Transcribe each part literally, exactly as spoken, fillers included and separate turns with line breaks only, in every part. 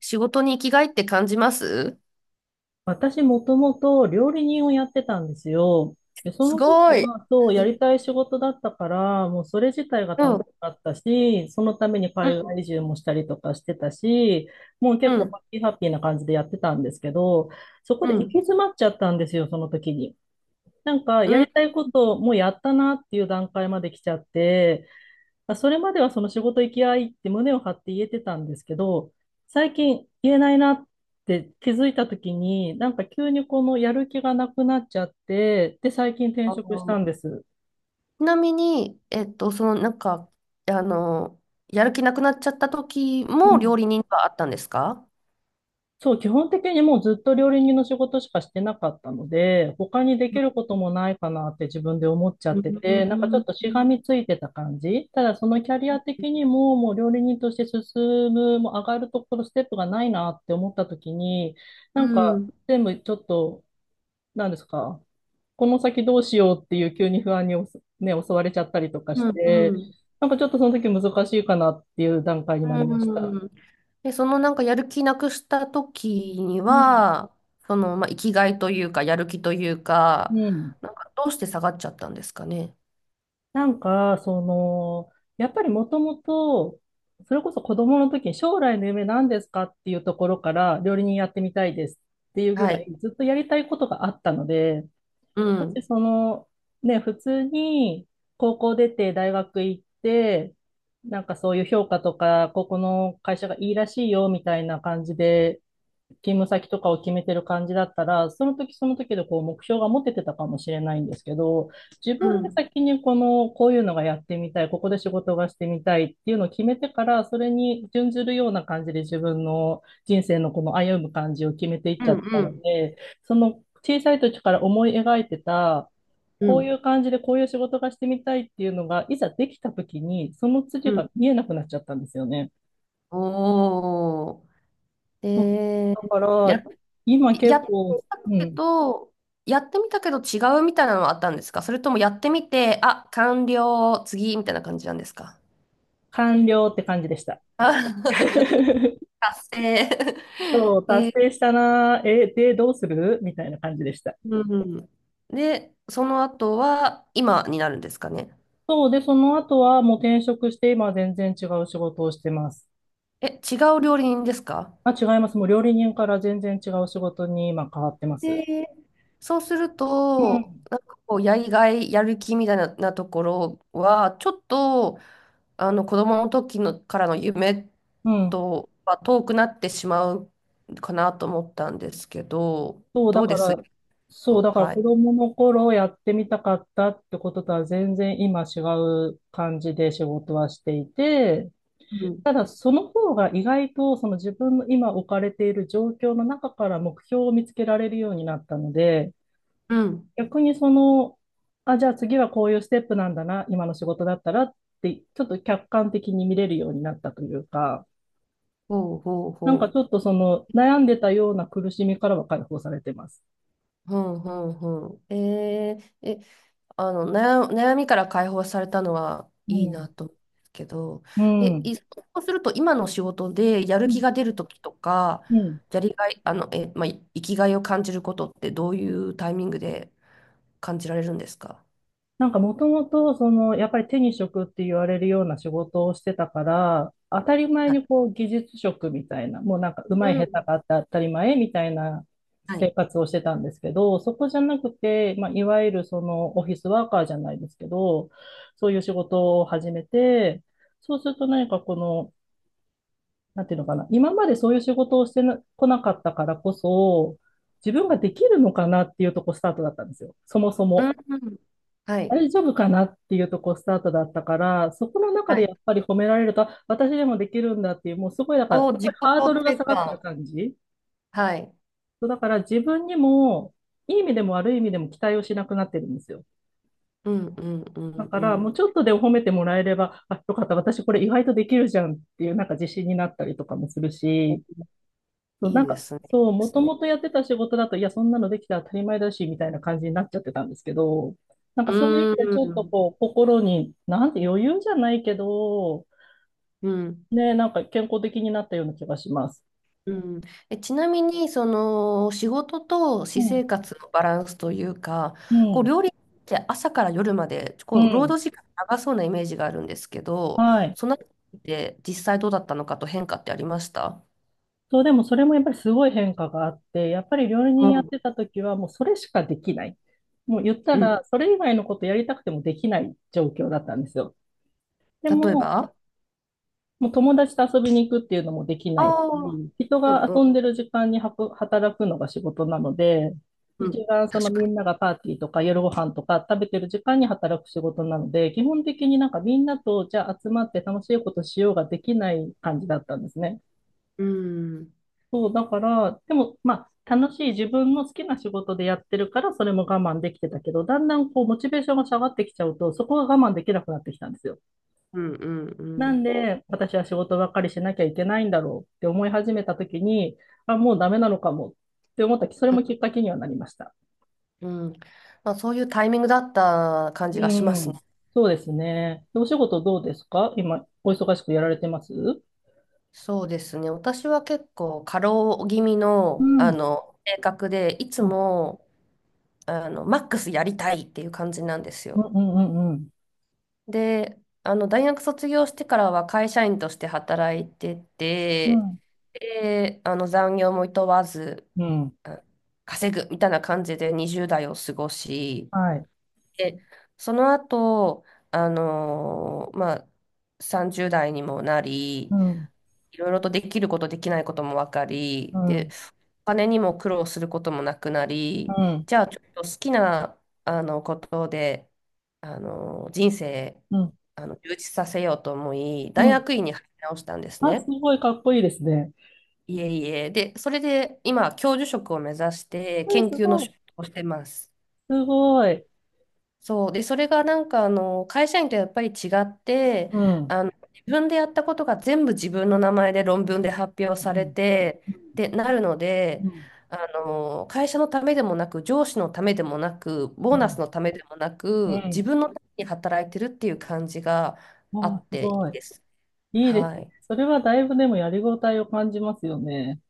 仕事に生きがいって感じます？
私もともと料理人をやってたんですよ。で、そ
す
の時
ごい。
は、そう、やりたい仕事だったから、もうそれ自体が
う
楽し
ん、
かったし、そのために
う
海外
ん、
移住もしたりとかしてたし、もう結
う
構ハ
ん、
ッピーハッピーな感じでやってたんですけど、そこ
う
で行き
ん。
詰まっちゃったんですよ、その時に。なんか、や
う
り
ん。
たいことをもうやったなっていう段階まで来ちゃって、まあそれまではその仕事行き合いって胸を張って言えてたんですけど、最近言えないなって気づいた時に、なんか急にこのやる気がなくなっちゃって、で、最近転
あ
職した
の
んです。
ちなみに、えっと、その、なんか、あの、やる気なくなっちゃった時
う
も料
ん、
理人があったんですか？
そう、基本的にもうずっと料理人の仕事しかしてなかったので、他にできることもないかなって自分で思っちゃっ
うん、
て
う
て、
ん、
なんかちょ
う
っ
ん、
としがみついてた感じ。ただそのキャリア的にも、もう料理人として進む、もう上がるところ、ステップがないなって思った時に、な
う
んか
ん。
全部ちょっと、なんですか、この先どうしようっていう急に不安におすね、襲われちゃったりとかして、なんかちょっとその時難しいかなっていう段階になりました。
うん。で、そのなんかやる気なくした時に
うん。
は、その、まあ、生きがいというか、やる気という
う
か、
ん。
なんかどうして下がっちゃったんですかね。
なんか、その、やっぱりもともと、それこそ子供の時に将来の夢何ですかっていうところから料理人やってみたいですっていうぐ
は
ら
い。
いずっとやりたいことがあったので、
う
もし
ん、
その、ね、普通に高校出て大学行って、なんかそういう評価とか、ここの会社がいいらしいよみたいな感じで勤務先とかを決めてる感じだったら、その時その時でこう目標が持ててたかもしれないんですけど、自
う
分で
ん。
先にこの、こういうのがやってみたい、ここで仕事がしてみたいっていうのを決めてから、それに準ずるような感じで自分の人生のこの歩む感じを決めていっ
う
ちゃ
ん、
った
う
の
ん、
で、その小さい時から思い描いてた、
う
こうい
ん、
う感じでこういう仕事がしてみたいっていうのが、いざできた時に、その
う
筋が
ん。
見えなくなっちゃったんですよね。
おー。で、
だか
や、
ら、今
やっ
結
て
構、
み
う
たけ
ん、
どやってみたけど違うみたいなのはあったんですか？それともやってみて、あ完了次みたいな感じなんですか？
完了って感じでした。
あ。 達
そ
成。
う、達
で、
成したなー。え、で、どうするみたいな感じでした。
うん。で、その後は今になるんですかね？
そう、で、その後はもう転職して、今は全然違う仕事をしてます。
え、違う料理人ですか？
まあ、違います。もう料理人から全然違う仕事に今変わってます。
で、そうする
う
と
ん。
なんかこうやりがいやる気みたいな、なところはちょっと、あの子供の時のからの夢
うん。
とは遠くなってしまうかなと思ったんですけど、
そう、だ
どう
か
です？
ら、そう、
と、
だから
は
子
い。
供の頃やってみたかったってこととは全然今違う感じで仕事はしていて、
うん。
ただ、その方が意外とその自分の今置かれている状況の中から目標を見つけられるようになったので、
うん。
逆にその、あ、じゃあ次はこういうステップなんだな、今の仕事だったらって、ちょっと客観的に見れるようになったというか、
ほうほう
なんか
ほ
ち
う。
ょっとその悩んでたような苦しみからは解放されてます。
ほうほうほう。えー、え、あの、悩、悩みから解放されたのは
う
いい
ん。
なと思うんですけど、
う
え、
ん。
い、そうすると今の仕事でやる
う
気
ん。
が出る時とか、
うん。
やりがい、あの、え、まあ、い生きがいを感じることってどういうタイミングで感じられるんですか？
なんかもともと、その、やっぱり手に職って言われるような仕事をしてたから、当たり前
はい。
にこう技術職みたいな、もうなんか上手い下手があって当たり前みたいな
は
生
い。
活をしてたんですけど、そこじゃなくて、まあ、いわゆるそのオフィスワーカーじゃないですけど、そういう仕事を始めて、そうすると何かこの、なんていうのかな、今までそういう仕事をしてなこなかったからこそ、自分ができるのかなっていうとこスタートだったんですよ、そもそ
う
も。
ん、うん。はい。
大丈夫かなっていうとこスタートだったから、そこの中
は
でや
い。
っぱり褒められると、あ、私でもできるんだっていう、もうすごい、だから、す
お、
ご
自
い
己
ハード
肯
ルが
定
下がってる
感。
感じ。
はい。
そう、だから自分にも、いい意味でも悪い意味でも期待をしなくなってるんですよ。
うん、うん、う
だ
ん、
か
う
ら、もう
ん。
ちょっとでも褒めてもらえれば、あ、よかった、私これ意外とできるじゃんっていう、なんか自信になったりとかもするし、
お。
そう、
い
な
い
ん
で
か、
すね。いいで
そう、も
す
と
ね。
もとやってた仕事だと、いや、そんなのできたら当たり前だし、みたいな感じになっちゃってたんですけど、なんかそういう意味
うー
でちょっと
ん。
こう、心に、なんて余裕じゃないけど、
うん。
ね、なんか健康的になったような気がします。
うん。え、ちなみに、その、仕事と
う
私
ん、
生活のバランスというか、
う
こう、
ん、
料理って朝から夜まで、
う
こう、労
ん。
働時間長そうなイメージがあるんですけど、
はい。
そのあたりで実際どうだったのかと変化ってありました？
そう、でもそれもやっぱりすごい変化があって、やっぱり料理
う
人やって
ん。
た時はもうそれしかできない。もう言った
うん。
ら、それ以外のことやりたくてもできない状況だったんですよ。で
例え
も、
ば。
もう友達と遊びに行くっていうのもできな
あ、
い
あ
し、人
ー、うん、
が
うん、
遊んでる時間にはく働くのが仕事なので、
うん。
一番その
確か
みん
に。
ながパーティーとか夜ご飯とか食べてる時間に働く仕事なので、基本的になんかみんなとじゃあ集まって楽しいことしようができない感じだったんですね。
うん、
そう、だから、でもまあ楽しい自分の好きな仕事でやってるからそれも我慢できてたけど、だんだんこうモチベーションが下がってきちゃうと、そこが我慢できなくなってきたんですよ。
うん、うん、う
な
ん。
んで、私は仕事ばっかりしなきゃいけないんだろうって思い始めたときに、あ、もうダメなのかもって思ったき、それもきっかけにはなりました。
うん、うん。まあ、そういうタイミングだった感
う
じがしますね。
ん。そうですね。でお仕事どうですか今、お忙しくやられてます？
そうですね。私は結構過労気味
う
の、あ
ん。
の性格で、いつもあのマックスやりたいっていう感じなんです
う
よ。
ん、うん、うん、
で、あの大学卒業してからは会社員として働いて
う
て、
ん。
で、あの残業も厭わず、
うん。うん。
あ稼ぐみたいな感じでにじゅう代を過ごし、
はい。
で、その後、あのーまあ、さんじゅう代にもな
う
り、
ん。
いろいろとできること、できないことも分か
う
り、で、
ん。
お金にも苦労することもなくな
う
り、
ん。
じゃあちょっと好きな、あの、ことで、あの、人生、
うん。
あの、充実させようと思い、
う
大
ん。
学院に入り直したんです
あ、す
ね。
ごいかっこいいですね。
いえいえ。で、それで今、教授職を目指して
うん、
研
す
究の
ごい。
仕事をしてます。
すごい。
そう。で、それがなんか、あの、会社員とやっぱり違って、
うん。
あの、自分でやったことが全部自分の名前で論文で発表
う
され
ん。
て、
う
っ
ん。
てなるので、
うん。
あの、会社のためでもなく、上司のためでもなく、ボー
う
ナス
ん。
のためでもな
うん。う
く、自
ん。
分のために働いてるっていう感じがあ
あ、
っ
す
てい
ご
い
い。
です。
いいで
は
すね。
い。
それはだいぶでもやりごたえを感じますよね。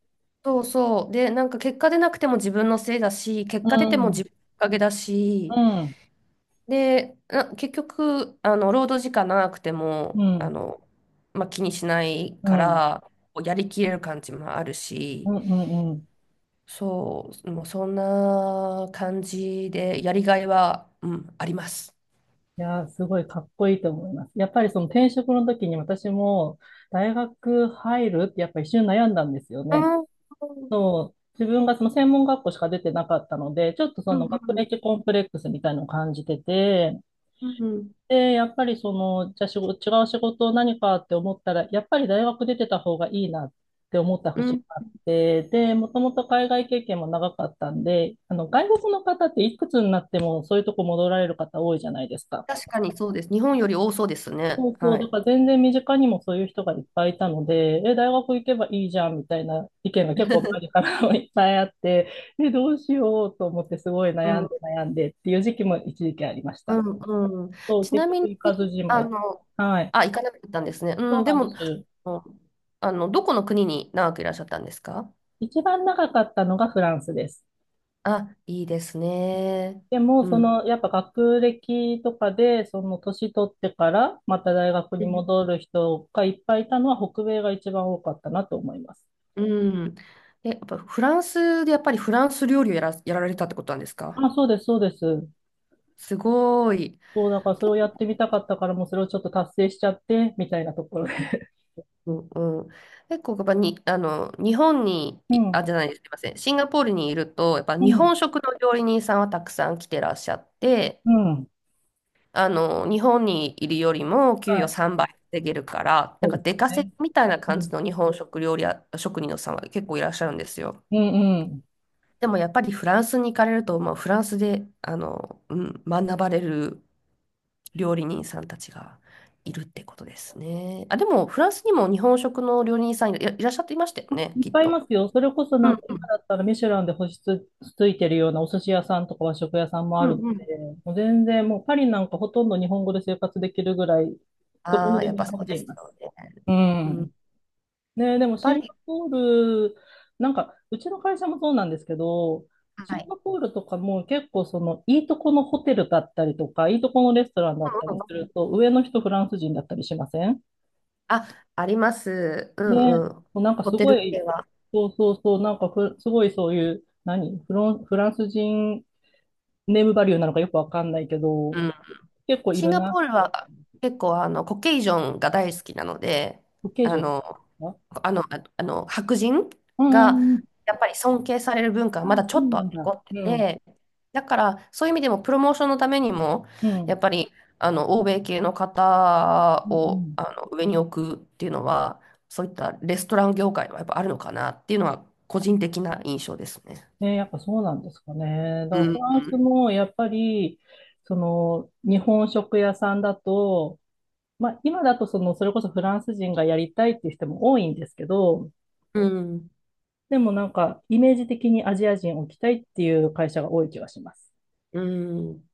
そうそう。で、なんか結果出なくても自分のせいだし、結
う
果出て
ん、
も
う
自
ん、
分のおかげだ
う
し、
ん、
で、な結局、あの、労働時間長くて
う
も、あ
ん、
の、まあ、気にしない
う
か
ん、
ら、こうやりきれる感じもある
う
し、
ん。うん。
そう、もうそんな感じで、やりがいは、うん、あります。
いやー、すごいかっこいいと思います。やっぱりその転職の時に私も大学入るってやっぱ一瞬悩んだんですよ
う
ね。
ん、うん、
そう、自分がその専門学校しか出てなかったので、ちょっとそ
う
の学
ん、
歴コンプレックスみたいなのを感じてて、
うん、
で、やっぱりその、じゃあ仕事、違う仕事何かって思ったら、やっぱり大学出てた方がいいなって思った
う
節
ん。
があって、で、もともと海外経験も長かったんで、あの、外国の方っていくつになってもそういうとこ戻られる方多いじゃないですか。
確かにそうです。日本より多そうですね。
そうそ
は
う、だ
い。
から全然身近にもそういう人がいっぱいいたので、え、大学行けばいいじゃんみたいな意見が結構周りからもいっぱいあって、え、どうしようと思ってすごい
う
悩ん
ん、
で悩んでっていう時期も一時期ありまし
う
た。
ん、うん。
そう、
ち
結
なみ
局
に、
行かずじま
あ
い。
の、
はい。
あ、行かなかったんですね。う
そう
ん、で
なんで
も、
す。
あの、あのどこの国に長くいらっしゃったんですか？
一番長かったのがフランスです。
あ、いいですね。
でも、
う
そ
ん。
の、やっぱ学歴とかで、その年取ってから、また大学に戻る人がいっぱいいたのは、北米が一番多かったなと思います。
うん、うん。で、やっぱフランスでやっぱりフランス料理をやら、やられたってことなんですか？
あ、そうです、そうです。
すごい。
そう、だからそれを
結
やってみたかったから、もうそれをちょっと達成しちゃって、みたいなところで。
構、うん。結構やっぱに、あの、日本に、
う
いあ、
ん、
じゃないです、すいません。シンガポールにいると、やっぱ
う
日
ん、
本食の料理人さんはたくさん来てらっしゃって、
うん。
あの、日本にいるよりも給
は
与
い。
さんばい稼げるから、な
そ
ん
う
か
です
出
よ
稼
ね。
ぎみたいな
う
感じ
ん、
の日本食料理や、職人のさんは結構いらっしゃるんですよ。
うん、うん。
でもやっぱりフランスに行かれると、まあ、フランスで、あの、うん、学ばれる料理人さんたちがいるってことですね。あ、でもフランスにも日本食の料理人さんいら、いらっしゃっていましたよね、
い
き
っ
っ
ぱいい
と。
ますよ。それこそ
う
な
ん、
んか
う
今
ん、
だったらミシュランで星つ、ついてるようなお寿司屋さんとか和食屋さんも
う
あるの
ん、うん。
で、もう全然もうパリなんかほとんど日本語で生活できるぐらい、どこ
あ
に
あ、
で
やっ
も
ぱ
日
そ
本
うで
人い
す
ま
よ
す。
ね。
う
うん、や
ん。ね、でも
っぱ
シンガ
り、
ポール、なんかうちの会社もそうなんですけど、シ
は
ン
い。
ガポールとかも結構そのいいとこのホテルだったりとか、いいとこのレストランだった
うん、う
りす
ん、う
る
ん。
と、上の人フランス人だったりしません？
あ、あります。う
ね、
ん、うん。
もうなんか
ホ
す
テ
ご
ル
い、
系は。
そうそうそう、なんかふすごいそういう、何フロン、フランス人ネームバリューなのかよくわかんないけ
う
ど、
ん。
結構い
シン
る
ガポ
な。
ールは結構あのコケイジョンが大好きなので、
受け
あ
女
の、
あ、
あの、ああの白人
うん、う
が
ん、うん。
やっぱり尊敬される文化は
あ、
まだち
そ
ょっ
うな
と
ん
残
だ。
って
うん。
て、だからそういう意味でもプロモーションのためにも、
うん。う
や
ん、
っぱりあの欧米系の方
う
を
ん。
あの上に置くっていうのは、そういったレストラン業界はやっぱあるのかなっていうのは個人的な印象ですね。
ね、やっぱそうなんですかね。だか
う
らフ
ん、
ランスもやっぱり、その、日本食屋さんだと、まあ今だとその、それこそフランス人がやりたいっていう人も多いんですけど、
うん、うん、
でもなんか、イメージ的にアジア人を置きたいっていう会社が多い気がします。
うん。